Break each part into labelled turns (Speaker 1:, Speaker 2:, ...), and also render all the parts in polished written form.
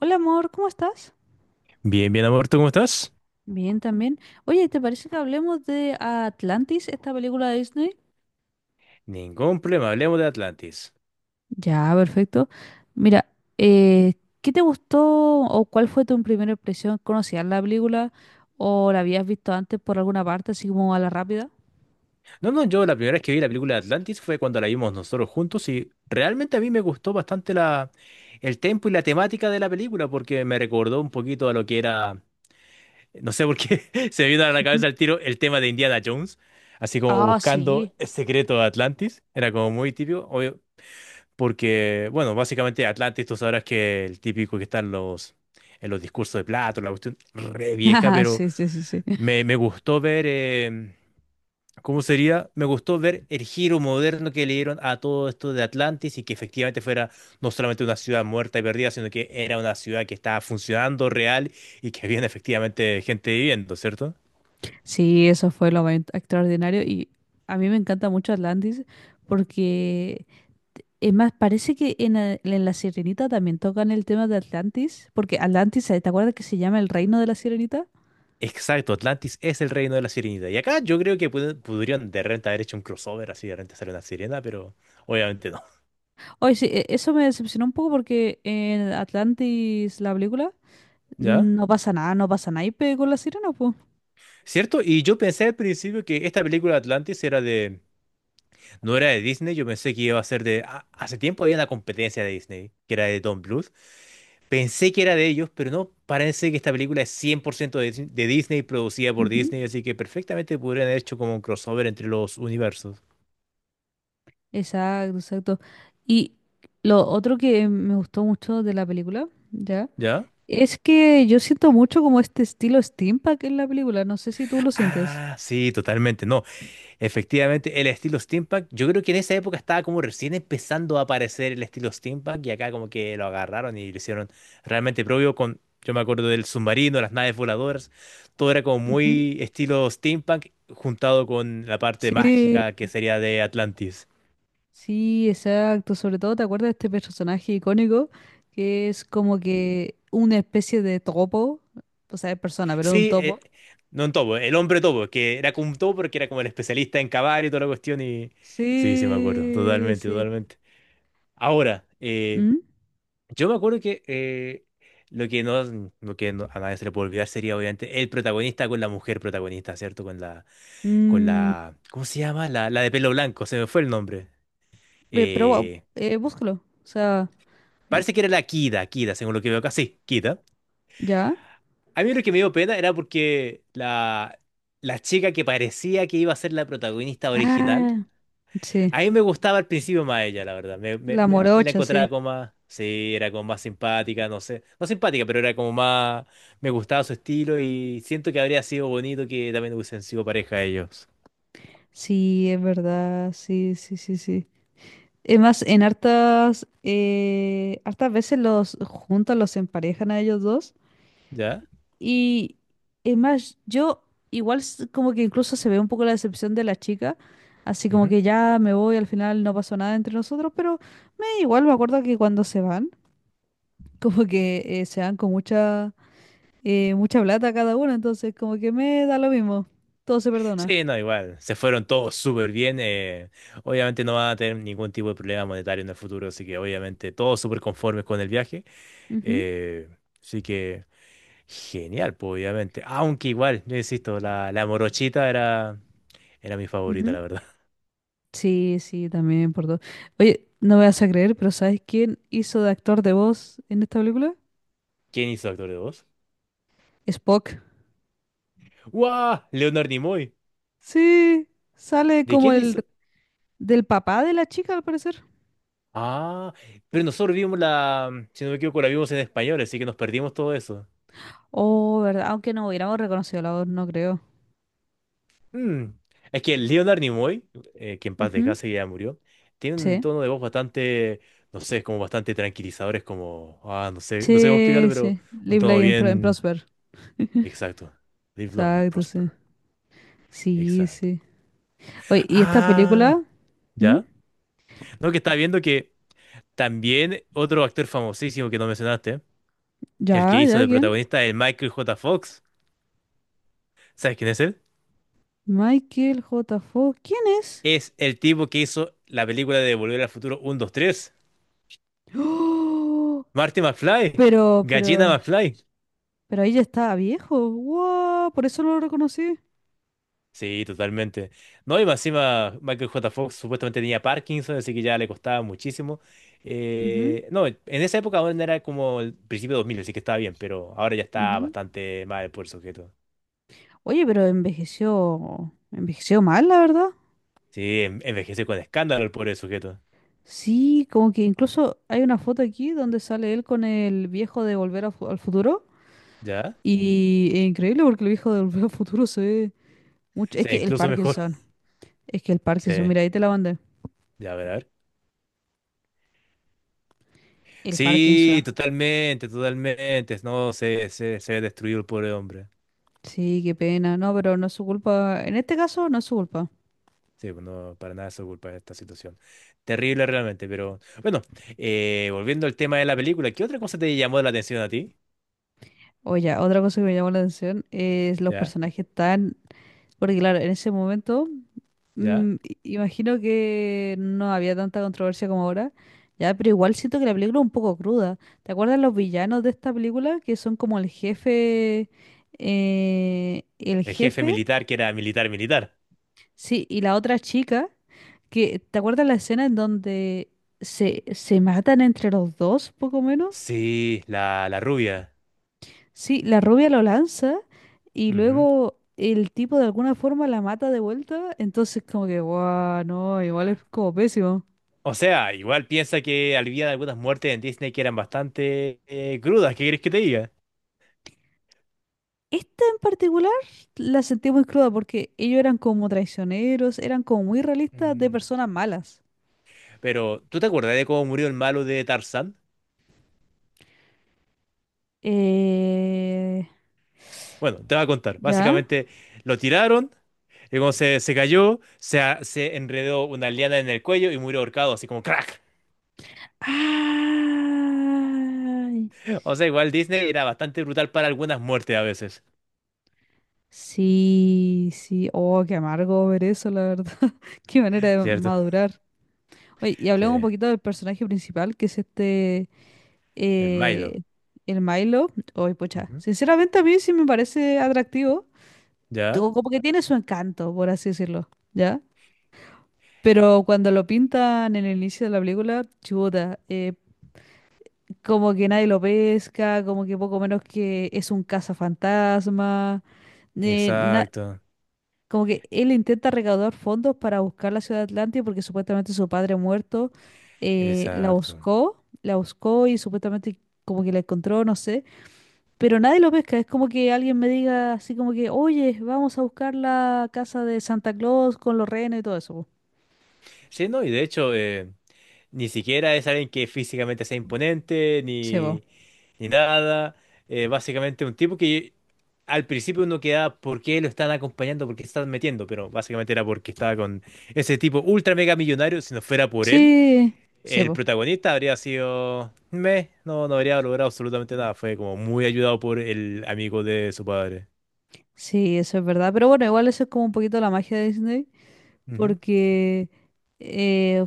Speaker 1: Hola amor, ¿cómo estás?
Speaker 2: Bien, bien, amor, ¿tú cómo estás?
Speaker 1: Bien, también. Oye, ¿te parece que hablemos de Atlantis, esta película de Disney?
Speaker 2: Ningún problema, hablemos de Atlantis.
Speaker 1: Ya, perfecto. Mira, eh, ¿qué te gustó o cuál fue tu primera impresión? ¿Conocías la película o la habías visto antes por alguna parte, así como a la rápida?
Speaker 2: No, no, yo la primera vez que vi la película de Atlantis fue cuando la vimos nosotros juntos y realmente a mí me gustó bastante el tempo y la temática de la película porque me recordó un poquito a lo que era, no sé por qué se me vino a la
Speaker 1: Ujú.
Speaker 2: cabeza el tema de Indiana Jones, así como
Speaker 1: Ah, sí.
Speaker 2: buscando el secreto de Atlantis, era como muy típico, obvio, porque, bueno, básicamente Atlantis tú sabrás que el típico que está en los discursos de Plato, la cuestión re vieja,
Speaker 1: Ah,
Speaker 2: pero.
Speaker 1: sí, sí, sí, sí.
Speaker 2: Me gustó ver, ¿cómo sería? Me gustó ver el giro moderno que le dieron a todo esto de Atlantis y que efectivamente fuera no solamente una ciudad muerta y perdida, sino que era una ciudad que estaba funcionando real y que había efectivamente gente viviendo, ¿cierto?
Speaker 1: Sí, eso fue lo más extraordinario y a mí me encanta mucho Atlantis porque Es más, parece que en La Sirenita también tocan el tema de Atlantis, porque Atlantis, ¿te acuerdas que se llama el reino de la Sirenita?
Speaker 2: Exacto, Atlantis es el reino de la sirenita. Y acá yo creo que pudieron de repente haber hecho un crossover, así de repente hacer una sirena, pero obviamente no.
Speaker 1: Oye, sí, eso me decepcionó un poco porque en Atlantis, la película,
Speaker 2: ¿Ya?
Speaker 1: no pasa nada, no pasa naipe con la sirena, pues.
Speaker 2: ¿Cierto? Y yo pensé al principio que esta película Atlantis era de no era de Disney. Yo pensé que iba a ser hace tiempo había una competencia de Disney, que era de Don Bluth. Pensé que era de ellos, pero no, parece que esta película es 100% de Disney, producida por
Speaker 1: Ujú.
Speaker 2: Disney, así que perfectamente podrían haber hecho como un crossover entre los universos.
Speaker 1: Exacto, exacto. Y lo otro que me gustó mucho de la película, ¿ya?
Speaker 2: ¿Ya?
Speaker 1: Es que yo siento mucho como este estilo steampunk en la película, no sé si tú lo sientes.
Speaker 2: Ah, sí, totalmente, no. Efectivamente, el estilo steampunk, yo creo que en esa época estaba como recién empezando a aparecer el estilo steampunk y acá como que lo agarraron y lo hicieron realmente propio con, yo me acuerdo del submarino, las naves voladoras, todo era como
Speaker 1: Ujú.
Speaker 2: muy estilo steampunk juntado con la parte
Speaker 1: Sí,
Speaker 2: mágica que sería de Atlantis.
Speaker 1: sí, exacto. Sobre todo, ¿te acuerdas de este personaje icónico que es como que una especie de topo? O sea, es persona, pero es un
Speaker 2: Sí,
Speaker 1: topo.
Speaker 2: no en topo, el hombre topo, que era como un topo porque era como el especialista en cavar y toda la cuestión y sí, sí me acuerdo,
Speaker 1: Sí,
Speaker 2: totalmente,
Speaker 1: sí.
Speaker 2: totalmente. Ahora, eh,
Speaker 1: ¿Mm?
Speaker 2: Yo me acuerdo que lo que no- a nadie se le puede olvidar sería obviamente el protagonista con la mujer protagonista, ¿cierto? Con la, con
Speaker 1: Mm,
Speaker 2: la, ¿cómo se llama? La de pelo blanco, se me fue el nombre.
Speaker 1: pero guau,
Speaker 2: Eh,
Speaker 1: búscalo. O sea, eh,
Speaker 2: parece que era la Kida, Kida, según lo que veo acá. Sí, Kida.
Speaker 1: ¿ya?
Speaker 2: A mí lo que me dio pena era porque la chica que parecía que iba a ser la protagonista original.
Speaker 1: Ah, sí.
Speaker 2: A mí me gustaba al principio más ella, la verdad. Me, me,
Speaker 1: La
Speaker 2: me- me la
Speaker 1: morocha,
Speaker 2: encontraba
Speaker 1: sí.
Speaker 2: como más. Sí, era como más simpática, no sé. No simpática, pero era como más. Me gustaba su estilo y siento que habría sido bonito que también hubiesen sido pareja ellos.
Speaker 1: Sí, es verdad. Sí, sí, sí, sí. Es más, en hartas veces los juntan, los emparejan a ellos dos.
Speaker 2: ¿Ya?
Speaker 1: Y es más, yo igual como que incluso se ve un poco la decepción de la chica, así como
Speaker 2: Ujú.
Speaker 1: que ya me voy, al final no pasó nada entre nosotros, pero me igual me acuerdo que cuando se van, como que se van con mucha plata cada uno, entonces como que me da lo mismo, todo se perdona.
Speaker 2: Sí, no, igual. Se fueron todos súper bien. Obviamente no van a tener ningún tipo de problema monetario en el futuro, así que obviamente todos súper conformes con el viaje.
Speaker 1: Ujú,
Speaker 2: eh, así que genial, pues obviamente. Aunque igual, yo insisto, la morochita era mi favorita,
Speaker 1: ujú.
Speaker 2: la verdad.
Speaker 1: Sí, sí, también por todo. Oye, no me vas a creer, pero ¿sabes quién hizo de actor de voz en esta película?
Speaker 2: ¿Quién hizo actor de voz?
Speaker 1: Spock.
Speaker 2: ¡Wow! Leonard Nimoy.
Speaker 1: Sí, sale
Speaker 2: ¿De
Speaker 1: como
Speaker 2: quién
Speaker 1: el
Speaker 2: hizo?
Speaker 1: Del papá de la chica, al parecer.
Speaker 2: Ah, pero nosotros vimos la, si no me equivoco, la vimos en español, así que nos perdimos todo eso.
Speaker 1: Oh, ¿verdad? Aunque no hubiéramos reconocido la voz, no creo.
Speaker 2: Mm. Es que Leonard Nimoy, que en paz
Speaker 1: Ujú,
Speaker 2: descanse ya murió, tiene un
Speaker 1: sí.
Speaker 2: tono de voz bastante, no sé, como bastante tranquilizador, es como, ah, no sé, no sé cómo
Speaker 1: Sí,
Speaker 2: explicarlo, pero
Speaker 1: sí.
Speaker 2: un
Speaker 1: Live,
Speaker 2: tono
Speaker 1: Laugh and
Speaker 2: bien.
Speaker 1: Prosper.
Speaker 2: Exacto. Live long and
Speaker 1: Exacto, sí.
Speaker 2: prosper.
Speaker 1: Sí,
Speaker 2: Exacto.
Speaker 1: sí. Oye, ¿y esta
Speaker 2: Ah,
Speaker 1: película? ¿Mm?
Speaker 2: ¿ya? No, que estaba viendo que también otro actor famosísimo que no mencionaste. El que
Speaker 1: ¿Ya,
Speaker 2: hizo
Speaker 1: ya?
Speaker 2: de
Speaker 1: ¿Quién?
Speaker 2: protagonista es Michael J. Fox. ¿Sabes quién es él?
Speaker 1: Michael J. Fox. ¿Quién es?
Speaker 2: Es el tipo que hizo la película de Volver al Futuro uno, 2, 3.
Speaker 1: ¡Oh!
Speaker 2: Marty McFly.
Speaker 1: Pero,
Speaker 2: Gallina
Speaker 1: pero,
Speaker 2: McFly.
Speaker 1: pero ahí ya estaba viejo. ¡Wow! Por eso no lo reconocí.
Speaker 2: Sí, totalmente. No, y más encima Michael J. Fox supuestamente tenía Parkinson, así que ya le costaba muchísimo.
Speaker 1: Ujú,
Speaker 2: No, en esa época aún era como el principio de 2000, así que estaba bien, pero ahora ya está
Speaker 1: ujú.
Speaker 2: bastante mal el pobre sujeto.
Speaker 1: Oye, pero envejeció, envejeció mal, la verdad.
Speaker 2: Sí, envejece con escándalo el pobre sujeto.
Speaker 1: Sí, como que incluso hay una foto aquí donde sale él con el viejo de Volver al Futuro.
Speaker 2: ¿Ya?
Speaker 1: Y es increíble porque el viejo de Volver al Futuro se ve mucho. Es
Speaker 2: Sí,
Speaker 1: que el
Speaker 2: incluso mejor.
Speaker 1: Parkinson. Es que el
Speaker 2: Sí,
Speaker 1: Parkinson, mira, ahí te la mandé.
Speaker 2: ya, a ver, a ver.
Speaker 1: El
Speaker 2: Sí,
Speaker 1: Parkinson.
Speaker 2: totalmente, totalmente. No, se destruyó el pobre hombre.
Speaker 1: Sí, qué pena. No, pero no es su culpa. En este caso, no es su culpa.
Speaker 2: Sí, pues no, para nada es su culpa esta situación. Terrible realmente, pero bueno, volviendo al tema de la película, ¿qué otra cosa te llamó la atención a ti?
Speaker 1: Oye, otra cosa que me llamó la atención es los
Speaker 2: ¿Ya?
Speaker 1: personajes tan Porque claro, en ese momento,
Speaker 2: ¿Ya?
Speaker 1: imagino que no había tanta controversia como ahora, ya, pero igual siento que la película es un poco cruda. ¿Te acuerdas los villanos de esta película? Que son como el jefe, eh, el
Speaker 2: El jefe
Speaker 1: jefe,
Speaker 2: militar que era militar, militar.
Speaker 1: sí, y la otra chica, que, ¿te acuerdas la escena en donde se matan entre los dos, poco menos?
Speaker 2: Sí, la rubia.
Speaker 1: Sí, la rubia lo lanza y
Speaker 2: Ujú.
Speaker 1: luego el tipo de alguna forma la mata de vuelta, entonces como que, guau, no, igual es como pésimo.
Speaker 2: O sea, igual piensa que había algunas muertes en Disney que eran bastante crudas, ¿qué quieres que te diga?
Speaker 1: Esta en particular la sentí muy cruda porque ellos eran como traicioneros, eran como muy realistas de
Speaker 2: Ujú.
Speaker 1: personas malas.
Speaker 2: Pero, ¿tú te acuerdas de cómo murió el malo de Tarzán?
Speaker 1: Eh,
Speaker 2: Bueno, te voy a contar.
Speaker 1: ¿Ya?
Speaker 2: Básicamente lo tiraron, y como se cayó, se enredó una liana en el cuello y murió ahorcado, así como crack.
Speaker 1: Ay,
Speaker 2: O sea, igual Disney era bastante brutal para algunas muertes a veces,
Speaker 1: sí, sí, oh, qué amargo ver eso, la verdad. Qué manera de
Speaker 2: ¿cierto?
Speaker 1: madurar. Oye, y
Speaker 2: Sí,
Speaker 1: hablemos un poquito del personaje principal, que es este,
Speaker 2: el Milo.
Speaker 1: eh, el Milo, hoy pucha,
Speaker 2: Ujú.
Speaker 1: sinceramente a mí sí me parece atractivo,
Speaker 2: ¿Ya?
Speaker 1: tengo como que tiene su encanto, por así decirlo, ¿ya? Pero cuando lo pintan en el inicio de la película, chuta, como que nadie lo pesca, como que poco menos que es un cazafantasma, eh, na-
Speaker 2: Exacto,
Speaker 1: como que él intenta recaudar fondos para buscar la ciudad de Atlantia porque supuestamente su padre muerto
Speaker 2: exacto.
Speaker 1: la buscó y supuestamente como que la encontró, no sé, pero nadie lo pesca. Es como que alguien me diga así como que, oye, vamos a buscar la casa de Santa Claus con los renos y todo eso, po.
Speaker 2: Sí, no, y de hecho, ni siquiera es alguien que físicamente sea imponente,
Speaker 1: Sí, po.
Speaker 2: ni, nada. Básicamente un tipo que al principio uno queda por qué lo están acompañando, por qué se están metiendo, pero básicamente era porque estaba con ese tipo ultra mega millonario. Si no fuera por él,
Speaker 1: Sí, sí,
Speaker 2: el
Speaker 1: po.
Speaker 2: protagonista habría sido. Meh, no, no habría logrado absolutamente nada. Fue como muy ayudado por el amigo de su padre.
Speaker 1: Sí, eso es verdad. Pero bueno, igual eso es como un poquito la magia de Disney,
Speaker 2: Ujú,
Speaker 1: porque eh,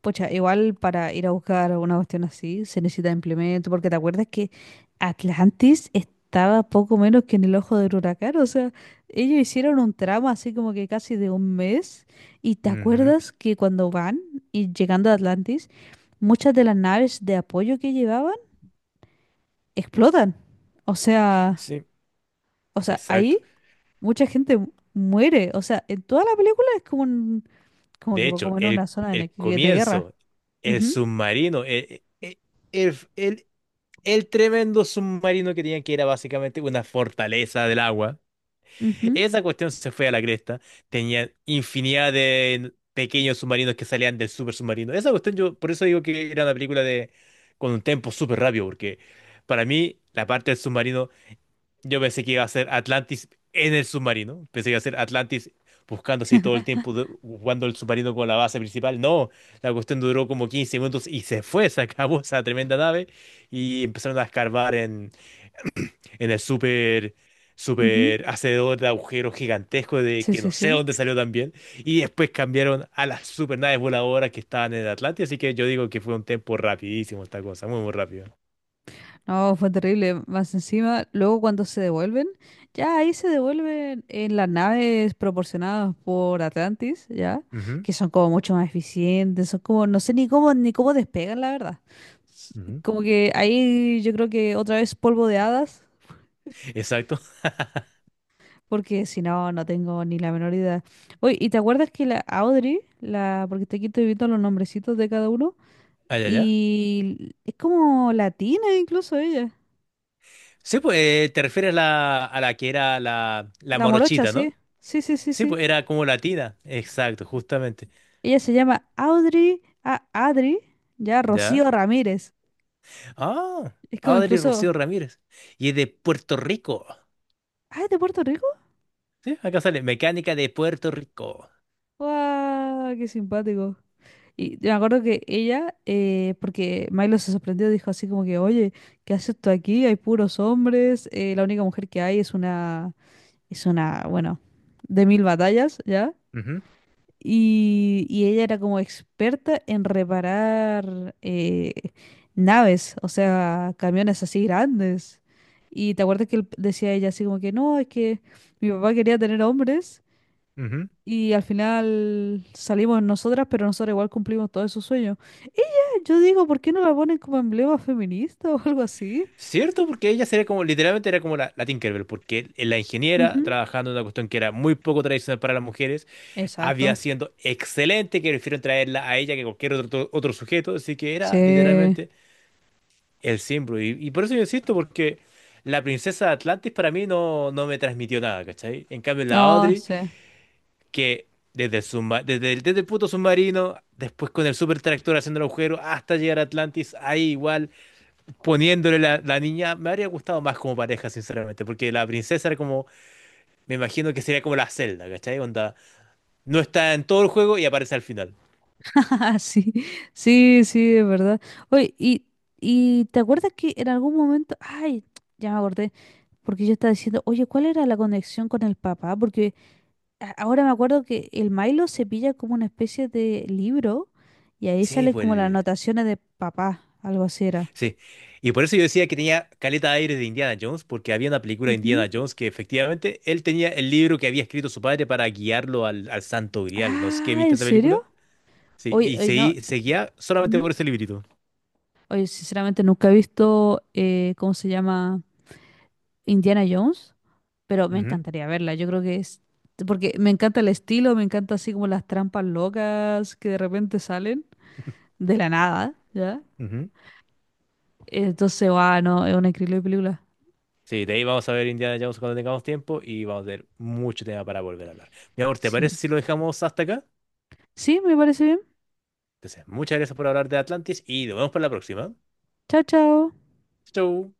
Speaker 1: pucha, igual para ir a buscar una cuestión así se necesita implemento, porque te acuerdas que Atlantis estaba poco menos que en el ojo del huracán, o sea, ellos hicieron un tramo así como que casi de un mes, y te
Speaker 2: ujú.
Speaker 1: acuerdas que cuando van y llegando a Atlantis, muchas de las naves de apoyo que llevaban explotan. O sea,
Speaker 2: Sí, exacto.
Speaker 1: ahí mucha gente muere, o sea, en toda la película es como como que
Speaker 2: De hecho,
Speaker 1: como en
Speaker 2: el,
Speaker 1: una zona de,
Speaker 2: el
Speaker 1: ne- de guerra.
Speaker 2: comienzo, el
Speaker 1: Ujú,
Speaker 2: submarino, el, el- el tremendo submarino que tenían, que era básicamente una fortaleza del agua.
Speaker 1: ujú,
Speaker 2: Esa cuestión se fue a la cresta. Tenían infinidad de pequeños submarinos que salían del super submarino. Esa cuestión yo, por eso digo que era una película de con un tempo súper rápido, porque para mí la parte del submarino yo pensé que iba a ser Atlantis en el submarino. Pensé que iba a ser Atlantis buscando así todo el tiempo, jugando el submarino con la base principal. No, la cuestión duró como 15 minutos y se fue, se acabó esa tremenda nave y empezaron a escarbar en, en el super
Speaker 1: ujú.
Speaker 2: super hacedor de agujeros gigantesco de
Speaker 1: Sí,
Speaker 2: que
Speaker 1: sí,
Speaker 2: no sé
Speaker 1: sí.
Speaker 2: dónde salió también. Y después cambiaron a las super naves voladoras que estaban en el Atlantis. Así que yo digo que fue un tiempo rapidísimo esta cosa, muy, muy rápido.
Speaker 1: No, fue terrible. Más encima, luego cuando se devuelven, ya ahí se devuelven en las naves proporcionadas por Atlantis, ya,
Speaker 2: Ujú,
Speaker 1: que son como mucho más eficientes, son como, no sé ni cómo despegan, la verdad. S-
Speaker 2: ujú.
Speaker 1: Como que ahí yo creo que otra vez polvo de hadas,
Speaker 2: Exacto.
Speaker 1: porque si no, no tengo ni la menor idea. Oye, ¿y te acuerdas que la Audrey, aquí estoy viendo los nombrecitos de cada uno,
Speaker 2: Allá, allá.
Speaker 1: y es como latina incluso ella?
Speaker 2: Sí, pues te refieres a a la que era la
Speaker 1: La morocha,
Speaker 2: morochita, ¿no?
Speaker 1: sí. Sí, sí, sí,
Speaker 2: Sí,
Speaker 1: sí.
Speaker 2: pues era como latina. Exacto, justamente.
Speaker 1: Ella se llama Audrey, Adri, ya Rocío
Speaker 2: ¿Ya?
Speaker 1: Ramírez.
Speaker 2: Ah,
Speaker 1: Es como
Speaker 2: Audrey Rocío
Speaker 1: incluso,
Speaker 2: Ramírez. Y es de Puerto Rico.
Speaker 1: ah, ¿es de Puerto Rico?
Speaker 2: Sí, acá sale, mecánica de Puerto Rico.
Speaker 1: ¡Guau! ¡Qué simpático! Y yo me acuerdo que ella, porque Milo se sorprendió, dijo así como que, oye, ¿qué haces tú aquí? Hay puros hombres, la única mujer que hay es una, bueno, de mil batallas, ¿ya?
Speaker 2: Ujú,
Speaker 1: Y, ella era como experta en reparar naves, o sea, camiones así grandes. Y te acuerdas que decía ella así como que no, es que mi papá quería tener hombres
Speaker 2: ujú.
Speaker 1: y al final salimos nosotras, pero nosotras igual cumplimos todos esos sueños. Ella, yo digo, ¿por qué no la ponen como emblema feminista o algo así?
Speaker 2: Cierto, porque ella sería como, literalmente era como la Tinkerbell, porque la ingeniera
Speaker 1: Ujú.
Speaker 2: trabajando en una cuestión que era muy poco tradicional para las mujeres, había
Speaker 1: Exacto.
Speaker 2: siendo excelente, que prefirieron traerla a ella que cualquier otro sujeto, así que era
Speaker 1: Sí.
Speaker 2: literalmente el Simbru. Y por eso yo insisto, porque la princesa de Atlantis para mí no, no me transmitió nada, ¿cachai? En cambio, la
Speaker 1: Ah,
Speaker 2: Audrey,
Speaker 1: sí.
Speaker 2: que desde el puto submarino, después con el super tractor haciendo el agujero, hasta llegar a Atlantis, ahí igual, poniéndole la niña, me habría gustado más como pareja, sinceramente, porque la princesa era como, me imagino que sería como la Zelda, ¿cachai? Onda, no está en todo el juego y aparece al final.
Speaker 1: Ah, sí, sí, sí, es verdad. Oye, y, ¿te acuerdas que en algún momento, ay, ya me acordé, porque yo estaba diciendo, oye, ¿cuál era la conexión con el papá? Porque ahora me acuerdo que el Milo se pilla como una especie de libro y ahí
Speaker 2: Sí,
Speaker 1: salen como las
Speaker 2: pues.
Speaker 1: anotaciones de papá, algo así era.
Speaker 2: Sí, y por eso yo decía que tenía caleta de aire de Indiana Jones, porque había una película de Indiana
Speaker 1: Ujú.
Speaker 2: Jones que efectivamente él tenía el libro que había escrito su padre para guiarlo al Santo Grial. No sé qué
Speaker 1: Ah,
Speaker 2: viste
Speaker 1: ¿en
Speaker 2: esa
Speaker 1: serio?
Speaker 2: película. Sí,
Speaker 1: Oye,
Speaker 2: y
Speaker 1: oye, no.
Speaker 2: se guía solamente
Speaker 1: Ujú.
Speaker 2: por ese librito.
Speaker 1: Oye, sinceramente nunca he visto, ¿cómo se llama? Indiana Jones. Pero me
Speaker 2: Ujú,
Speaker 1: encantaría verla. Yo creo que es, porque me encanta el estilo, me encanta así como las trampas locas que de repente salen de la nada, ¿ya?
Speaker 2: ujú.
Speaker 1: Entonces, va, no, es una increíble película.
Speaker 2: Sí, de ahí vamos a ver Indiana Jones cuando tengamos tiempo y vamos a tener mucho tema para volver a hablar. Mi amor, ¿te parece
Speaker 1: Sí.
Speaker 2: si lo dejamos hasta acá?
Speaker 1: Sí, me parece bien.
Speaker 2: Entonces, muchas gracias por hablar de Atlantis y nos vemos para la próxima.
Speaker 1: Chao, chao.
Speaker 2: Chau.